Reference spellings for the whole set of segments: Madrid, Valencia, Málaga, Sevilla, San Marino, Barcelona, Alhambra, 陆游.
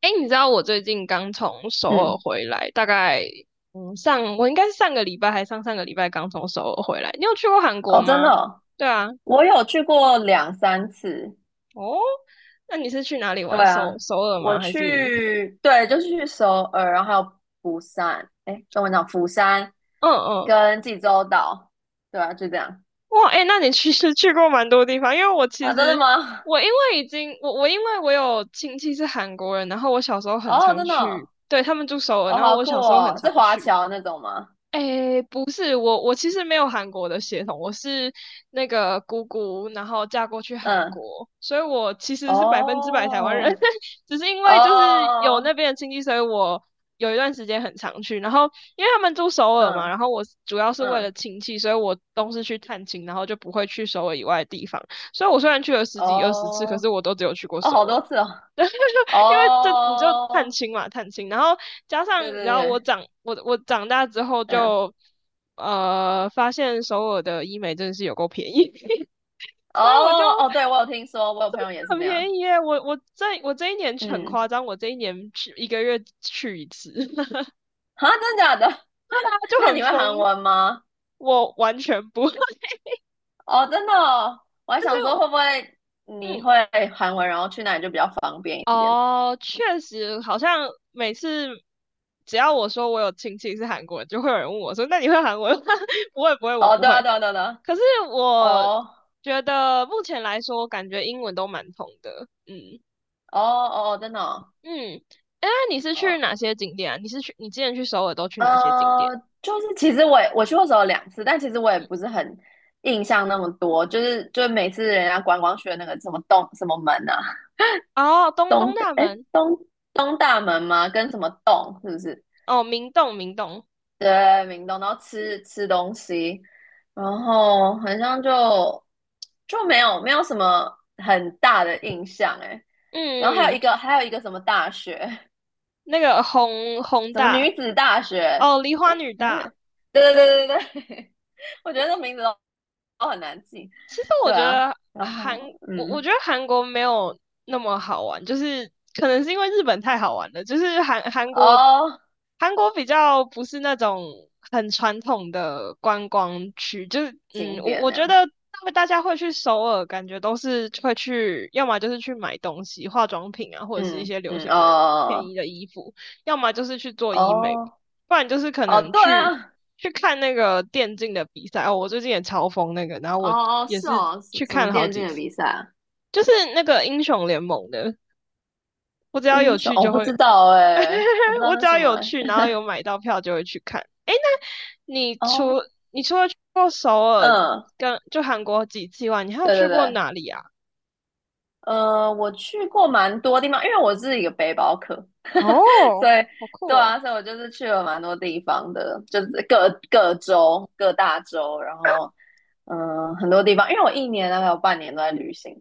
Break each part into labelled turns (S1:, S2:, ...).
S1: 哎，你知道我最近刚从首尔
S2: 嗯，
S1: 回来，大概我应该是上个礼拜还上上个礼拜刚从首尔回来。你有去过韩国
S2: 哦，真的
S1: 吗？
S2: 哦，
S1: 对啊。
S2: 我有去过2、3次。
S1: 哦，那你是去哪里玩？
S2: 对
S1: 首
S2: 啊，
S1: 首尔
S2: 我
S1: 吗？还是
S2: 去，对，就是去首尔，然后还有釜山，哎，跟我讲釜山
S1: 嗯嗯。
S2: 跟济州岛，对啊，就这样。
S1: 哇，哎，那你其实去过蛮多地方，因为我其
S2: 啊，真的
S1: 实
S2: 吗？
S1: 我因为已经我我因为我有亲戚是韩国人，然后我小时候很
S2: 哦，
S1: 常
S2: 真的哦，
S1: 去，对，他们住首尔，
S2: 哦，
S1: 然后
S2: 好
S1: 我
S2: 酷
S1: 小时候很
S2: 哦，是
S1: 常
S2: 华
S1: 去。
S2: 侨那种吗？
S1: 诶，不是，我其实没有韩国的血统，我是那个姑姑，然后嫁过去韩
S2: 嗯，
S1: 国，所以我其实是100%台湾人，
S2: 哦，
S1: 只是因为就是有
S2: 哦，
S1: 那边的亲戚，所以我有一段时间很常去。然后因为他们住首尔嘛，然
S2: 嗯
S1: 后我主要是为了
S2: 嗯，
S1: 亲戚，所以我都是去探亲，然后就不会去首尔以外的地方。所以我虽然去了十几二十次，可
S2: 哦，
S1: 是我都只有去过
S2: 哦，
S1: 首
S2: 好多
S1: 尔。
S2: 次哦，
S1: 因为这你就探
S2: 哦，
S1: 亲嘛，探亲，然后加
S2: 对
S1: 上你知
S2: 对
S1: 道我
S2: 对，
S1: 长我我长大之后
S2: 嗯。
S1: 就发现首尔的医美真的是有够便宜，所以我就
S2: 哦哦，对，我有听说，我有朋友也是
S1: 很
S2: 这样。
S1: 便宜耶。我我这我这一年很
S2: 嗯，
S1: 夸张，我这一年去一个月去一次，
S2: 啊，真的假的？
S1: 就
S2: 那
S1: 很
S2: 你会韩
S1: 疯。
S2: 文吗？
S1: 我完全不，但
S2: 哦，真的哦，我还想说
S1: 是
S2: 会不会你会
S1: 嗯，
S2: 韩文，然后去那里就比较方便一点。
S1: 哦，确实。好像每次只要我说我有亲戚是韩国人，就会有人问我说：“那你会韩文吗？” 不会，不会，我
S2: 哦，
S1: 不
S2: 对啊，
S1: 会。
S2: 对啊，对啊，对啊，
S1: 可是我
S2: 哦
S1: 觉得目前来说，我感觉英文都蛮通的。嗯
S2: 哦哦，哦，真的哦。
S1: 嗯。哎，你是去
S2: 哦，
S1: 哪些景点啊？你是去你之前去首尔都去哪些景点？
S2: 呃，就是其实我去过首尔2次，但其实我也不是很印象那么多，就是就是每次人家观光区的那个什么洞什么门啊，
S1: 哦，东东
S2: 东
S1: 大
S2: 哎
S1: 门，
S2: 东东大门吗？跟什么洞是不是？
S1: 哦，明洞，明洞。
S2: 对，明洞，然后吃吃东西，然后好像就就没有什么很大的印象诶。然后
S1: 嗯
S2: 还
S1: 嗯，
S2: 有一个
S1: 嗯。
S2: 还有一个什么大学，
S1: 那个弘弘
S2: 什么
S1: 大，
S2: 女子大学，
S1: 哦，梨花女
S2: 嗯，
S1: 大。
S2: 对对对对对，我觉得这名字都都很难记。
S1: 其实我
S2: 对
S1: 觉
S2: 啊，
S1: 得
S2: 然
S1: 韩，
S2: 后
S1: 我我觉得韩国没有那么好玩，就是可能是因为日本太好玩了，就是
S2: 哦，
S1: 韩国比较不是那种很传统的观光区，就是嗯，
S2: 景
S1: 我
S2: 点
S1: 我
S2: 那
S1: 觉
S2: 样，
S1: 得他们大家会去首尔，感觉都是会去，要么就是去买东西、化妆品啊，或者是一
S2: 嗯
S1: 些流
S2: 嗯，
S1: 行的便宜
S2: 哦，
S1: 的衣服，要么就是去做医美，
S2: 哦
S1: 不然就是可
S2: 哦，
S1: 能
S2: 对
S1: 去。
S2: 啊，
S1: 去看那个电竞的比赛哦，我最近也超疯那个，然后我
S2: 哦哦，
S1: 也
S2: 是
S1: 是
S2: 哦，什
S1: 去
S2: 什
S1: 看
S2: 么
S1: 了好
S2: 电竞
S1: 几
S2: 的
S1: 次，
S2: 比赛啊？
S1: 就是那个英雄联盟的，我只要有
S2: 英雄，
S1: 去
S2: 我
S1: 就
S2: 不
S1: 会。
S2: 知道哎、我不知 道
S1: 我
S2: 那
S1: 只
S2: 什
S1: 要
S2: 么
S1: 有
S2: 哎、
S1: 去，然后有买到票就会去看。诶，那你除
S2: 哦，
S1: 过首尔
S2: 嗯，
S1: 跟就韩国几次以外，你还有
S2: 对
S1: 去
S2: 对
S1: 过
S2: 对，
S1: 哪里啊？
S2: 我去过蛮多地方，因为我是一个背包客，
S1: 哦，
S2: 所以
S1: 好酷
S2: 对
S1: 哦！
S2: 啊，所以我就是去了蛮多地方的，就是各各州、各大洲，然后嗯、很多地方，因为我一年大概有半年都在旅行，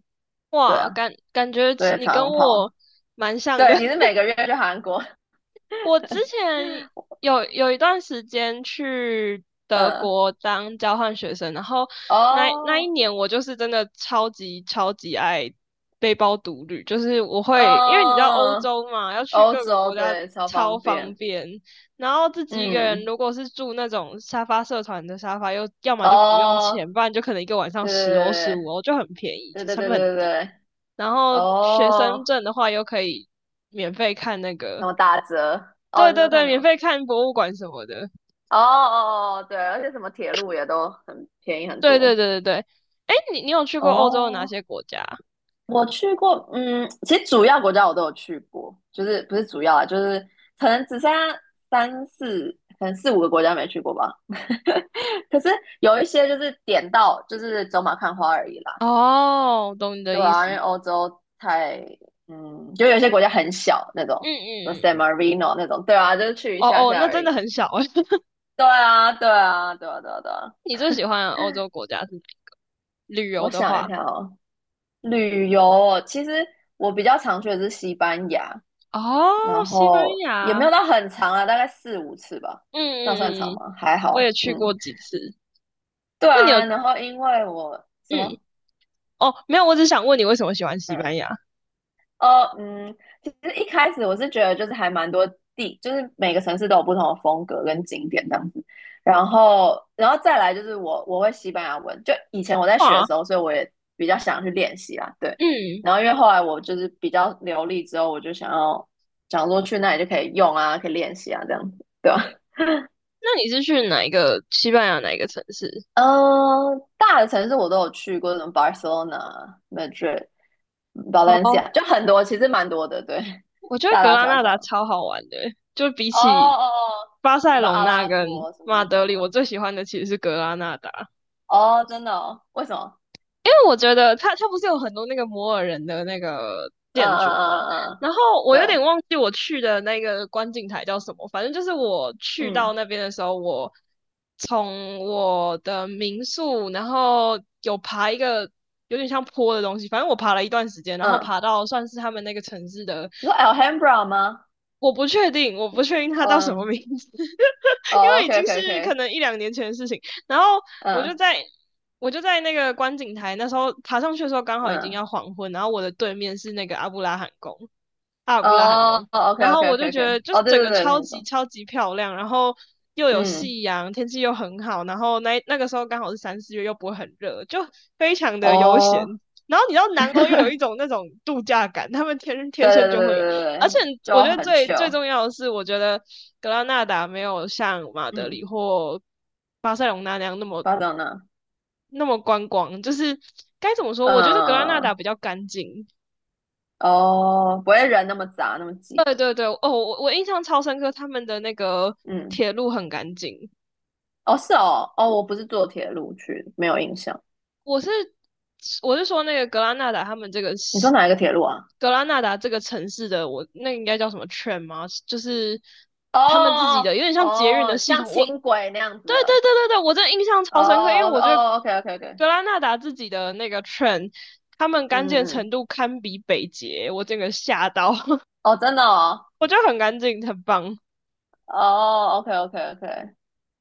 S2: 对
S1: 哇，
S2: 啊，
S1: 感感觉
S2: 对，以
S1: 你
S2: 常
S1: 跟
S2: 常
S1: 我
S2: 跑。
S1: 蛮像的。
S2: 对，你是每个月去韩国？
S1: 我之前有一段时间去德
S2: 嗯，
S1: 国当交换学生，然后那一
S2: 哦，
S1: 年我就是真的超级超级爱背包独旅，就是我会因为你知道欧
S2: 嗯，
S1: 洲嘛，要去
S2: 欧
S1: 各个
S2: 洲，
S1: 国家
S2: 对，超
S1: 超
S2: 方
S1: 方
S2: 便。
S1: 便，然后自己一个人
S2: 嗯，
S1: 如果是住那种沙发社团的沙发，又要么就不用
S2: 哦，
S1: 钱，不然就可能一个晚上10欧十
S2: 对
S1: 五欧就很便宜，
S2: 对对对
S1: 成
S2: 对
S1: 本很
S2: 对对，
S1: 低。
S2: 对，
S1: 然后学生
S2: 哦，
S1: 证的话又可以免费看那
S2: 什
S1: 个。
S2: 么打折？哦，
S1: 对
S2: 你
S1: 对
S2: 说看
S1: 对，
S2: 什
S1: 免
S2: 么？
S1: 费看博物馆什么的。
S2: 哦哦哦，对，而且什么铁路也都很便宜很
S1: 对对
S2: 多。
S1: 对对对。哎，你你有去过欧洲的哪
S2: 哦，
S1: 些国家？
S2: 我去过，嗯，其实主要国家我都有去过，就是不是主要啊，就是可能只剩下三四，可能四五个国家没去过吧。可是有一些就是点到就是走马看花而已啦。
S1: 哦，懂你的
S2: 对
S1: 意
S2: 啊，因为
S1: 思。
S2: 欧洲太，就有些国家很小那
S1: 嗯
S2: 种，什么 San
S1: 嗯嗯。
S2: Marino 那种，对啊，就是去一
S1: 哦
S2: 下
S1: 哦，
S2: 下
S1: 那
S2: 而
S1: 真的
S2: 已。
S1: 很小哎。
S2: 对啊，对啊，对啊，对啊，对啊。
S1: 你最喜欢的欧洲国家是哪一个？旅游
S2: 我
S1: 的
S2: 想一
S1: 话，
S2: 下哦，旅游哦其实我比较常去的是西班牙，然
S1: 哦，西班
S2: 后也
S1: 牙。
S2: 没有
S1: 嗯
S2: 到很长啊，大概4、5次吧，
S1: 嗯
S2: 这样算长
S1: 嗯嗯，
S2: 吗？还
S1: 我也
S2: 好，
S1: 去过
S2: 嗯，
S1: 几次。
S2: 对
S1: 那你有
S2: 啊。然后因为我什
S1: 嗯
S2: 么？
S1: 哦没有？我只想问你为什么喜欢西
S2: 嗯，
S1: 班牙？
S2: 呃，嗯，其实一开始我是觉得就是还蛮多地，就是每个城市都有不同的风格跟景点这样子。然后再来就是我会西班牙文，就以前我在学的
S1: 哇，
S2: 时候，所以我也比较想去练习啦，对。
S1: 嗯，
S2: 然后因为后来我就是比较流利之后，我就想说去那里就可以用啊，可以练习啊这样子，对吧？
S1: 那你是去哪一个西班牙哪一个城市？
S2: 嗯，大的城市我都有去过，什么 Barcelona、Madrid、
S1: 哦，
S2: Valencia，就很多，其实蛮多的，对，
S1: 我觉得
S2: 大
S1: 格
S2: 大
S1: 拉
S2: 小
S1: 纳
S2: 小
S1: 达
S2: 的。
S1: 超好玩的欸，就比
S2: 哦
S1: 起
S2: 哦哦，
S1: 巴塞
S2: 对吧？
S1: 隆
S2: 阿
S1: 纳
S2: 拉
S1: 跟
S2: 伯什么
S1: 马
S2: 那种
S1: 德里，我
S2: 吗？
S1: 最喜欢的其实是格拉纳达，
S2: 哦，真的哦？为什么？
S1: 因为我觉得它不是有很多那个摩尔人的那个
S2: 嗯
S1: 建筑
S2: 嗯
S1: 嘛。
S2: 嗯嗯嗯，
S1: 然后我有
S2: 对，
S1: 点忘记我去的那个观景台叫什么，反正就是我去到
S2: 嗯
S1: 那边的时候，我从我的民宿，然后有爬一个有点像坡的东西，反正我爬了一段时间，然后
S2: 嗯，
S1: 爬到算是他们那个城市的。
S2: 你说 Alhambra 吗？
S1: 我不确定，我不确定他叫什么
S2: 嗯，
S1: 名字，因
S2: 哦
S1: 为已
S2: ，OK
S1: 经
S2: OK
S1: 是可
S2: OK，
S1: 能一两年前的事情。然后我就
S2: 嗯
S1: 在我就在那个观景台，那时候爬上去的时候刚好已经
S2: 嗯，
S1: 要黄昏，然后我的对面是那个阿布拉罕宫，阿尔布拉罕
S2: 哦
S1: 宫。
S2: ，OK
S1: 然
S2: OK
S1: 后我就
S2: OK
S1: 觉得
S2: OK，
S1: 就是
S2: 哦，对
S1: 整
S2: 对
S1: 个
S2: 对，
S1: 超
S2: 那
S1: 级
S2: 种，
S1: 超级漂亮，然后又有
S2: 嗯，
S1: 夕阳，天气又很好，然后那个时候刚好是三四月，又不会很热，就非常的悠闲。
S2: 哦，
S1: 然后你知道 南欧又有一
S2: 对
S1: 种那种度假感，他们天
S2: 对
S1: 天
S2: 对
S1: 生
S2: 对
S1: 就会有，
S2: 对
S1: 而且
S2: 对，
S1: 我
S2: 就
S1: 觉得
S2: 很
S1: 最最
S2: chill，
S1: 重要的是，我觉得格拉纳达没有像马德
S2: 嗯，
S1: 里或巴塞隆那那样那么
S2: 巴掌呢？
S1: 观光，就是该怎么说？我觉得格拉纳达
S2: 嗯，
S1: 比较干净。
S2: 哦，不会人那么杂那么挤，
S1: 对对对，哦，我印象超深刻，他们的那个
S2: 嗯，
S1: 铁路很干净。
S2: 哦是哦，哦，我不是坐铁路去，没有印象。
S1: 我是我是说那个格拉纳达他们这个
S2: 你说
S1: 是
S2: 哪一个铁路啊？
S1: 格拉纳达这个城市的，我那应该叫什么 train 吗？就是他们自己
S2: 哦
S1: 的有点像捷运
S2: 哦，
S1: 的
S2: 哦，
S1: 系
S2: 像
S1: 统。
S2: 轻轨那样子
S1: 对对对
S2: 的。
S1: 对对，我真的印象
S2: 哦
S1: 超深刻，因为
S2: 哦
S1: 我觉得
S2: 哦，OK OK OK，
S1: 格拉纳达自己的那个 tren 他们干净
S2: 嗯
S1: 的程
S2: 嗯，
S1: 度堪比北捷，我整个吓到，
S2: 哦，真的哦，
S1: 我觉得很干净，很棒。
S2: 哦，OK OK OK，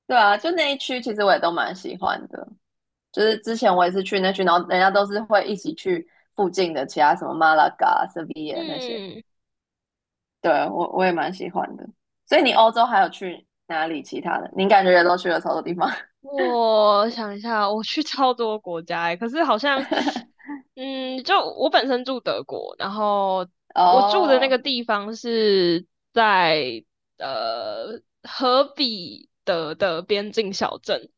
S2: 对啊，就那一区其实我也都蛮喜欢的，就是之前我也是去那区，然后人家都是会一起去附近的其他什么马拉嘎、塞维耶那些，
S1: 嗯，
S2: 对，我也蛮喜欢的。所以你欧洲还有去哪里其他的？你感觉也都去了超多地方？
S1: 我想一下，我去超多国家欸，可是好像，嗯，就我本身住德国，然后我住的那个
S2: 哦，
S1: 地方是在荷比得的边境小镇。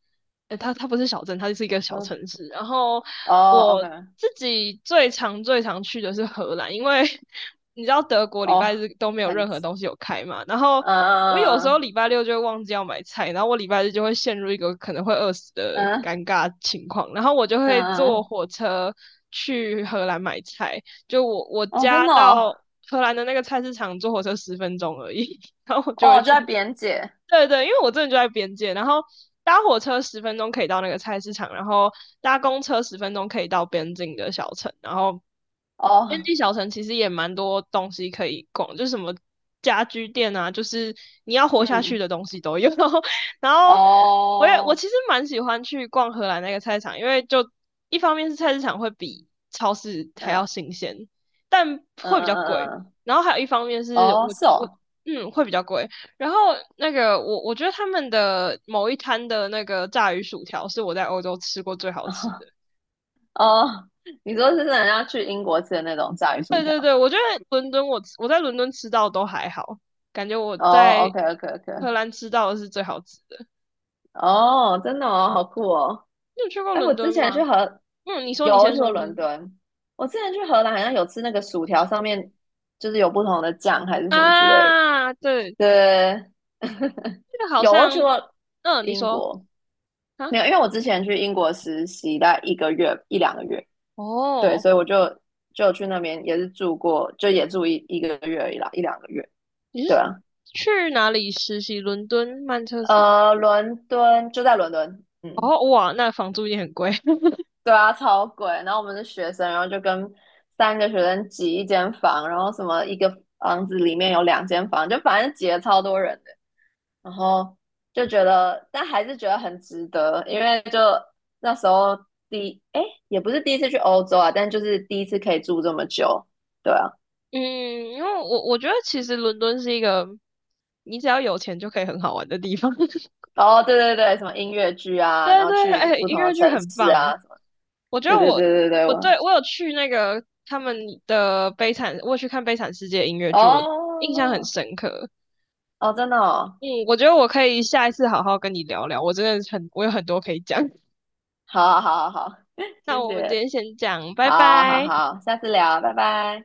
S1: 它不是小镇，它就是一个小
S2: 嗯，
S1: 城市。然后
S2: 哦
S1: 我
S2: ，OK，
S1: 自己最常最常去的是荷兰，因为 你知道德国礼拜
S2: 哦，
S1: 日都没有
S2: 很
S1: 任何东西有开嘛。然后我有时候
S2: 嗯
S1: 礼拜六就会忘记要买菜，然后我礼拜日就会陷入一个可能会饿死的
S2: 嗯
S1: 尴尬情况，然后我就会
S2: 嗯，
S1: 坐
S2: 嗯，
S1: 火车去荷兰买菜。就我
S2: 哦，真
S1: 家
S2: 的哦，
S1: 到荷兰的那个菜市场坐火车十分钟而已，然后我就会
S2: 哦，就
S1: 去。
S2: 在边界，
S1: 对对，因为我真的就在边界，然后搭火车十分钟可以到那个菜市场，然后搭公车十分钟可以到边境的小城，然后边
S2: 哦，
S1: 境小城其实也蛮多东西可以逛，就是什么家居店啊，就是你要活下去
S2: 嗯，
S1: 的东西都有。然后我也我
S2: 哦，
S1: 其实蛮喜欢去逛荷兰那个菜市场，因为就一方面是菜市场会比超市还要
S2: 嗯
S1: 新鲜，但
S2: 嗯
S1: 会比
S2: 嗯
S1: 较贵，
S2: 嗯，嗯，
S1: 然后还有一方面是我
S2: 哦，是
S1: 我
S2: 哦，
S1: 嗯会比较贵。然后那个我觉得他们的某一摊的那个炸鱼薯条是我在欧洲吃过最好吃 的。
S2: 哦，你说是人家去英国吃的那种炸鱼薯
S1: 对
S2: 条，
S1: 对对，我觉得伦敦我在伦敦吃到都还好，感觉我
S2: 哦
S1: 在
S2: ，OK OK OK，
S1: 荷兰吃到的是最好吃的。
S2: 哦，真的哦，好酷哦，
S1: 你有去过
S2: 哎，我
S1: 伦
S2: 之
S1: 敦
S2: 前去
S1: 吗？
S2: 荷，
S1: 嗯，你说，
S2: 有
S1: 你
S2: 我
S1: 先
S2: 去
S1: 说，
S2: 过
S1: 你先
S2: 伦
S1: 说。
S2: 敦，我之前去荷兰好像有吃那个薯条，上面就是有不同的酱还是什么之类的，
S1: 啊，对，
S2: 对，
S1: 这个好
S2: 有我
S1: 像。
S2: 去过
S1: 嗯，你
S2: 英
S1: 说
S2: 国。
S1: 啊。
S2: 没有，因为我之前去英国实习大概一个月一两个月，对，
S1: 哦，
S2: 所以我就去那边也是住过，就也住一个月而已啦，一两个月，
S1: 你是
S2: 对啊，
S1: 去哪里实习？伦敦、曼彻斯特。
S2: 伦敦就在伦敦，嗯，
S1: 哦，哇，那房租也很贵。
S2: 对啊，超贵。然后我们是学生，然后就跟三个学生挤一间房，然后什么一个房子里面有两间房，就反正挤了超多人的。然后就觉得，但还是觉得很值得，因为就那时候第，哎，也不是第一次去欧洲啊，但就是第一次可以住这么久，对啊，
S1: 嗯，因为我觉得其实伦敦是一个你只要有钱就可以很好玩的地方。
S2: 哦，对对对，什么音乐剧啊，然
S1: 对
S2: 后
S1: 对，
S2: 去
S1: 哎，
S2: 不
S1: 音
S2: 同
S1: 乐
S2: 的
S1: 剧
S2: 城
S1: 很
S2: 市
S1: 棒。
S2: 啊，什么，
S1: 我觉
S2: 对
S1: 得
S2: 对
S1: 我
S2: 对对对，
S1: 我
S2: 我，
S1: 对我有去那个他们的《悲惨》，我有去看《悲惨世界》音乐剧，我印象很
S2: 哦
S1: 深刻。
S2: 哦，真的哦，
S1: 嗯，我觉得我可以下一次好好跟你聊聊，我真的有很多可以讲。
S2: 好好好好好啊，
S1: 那
S2: 谢
S1: 我们今
S2: 谢，
S1: 天先讲，拜
S2: 好啊好啊
S1: 拜。
S2: 好啊，下次聊，拜拜。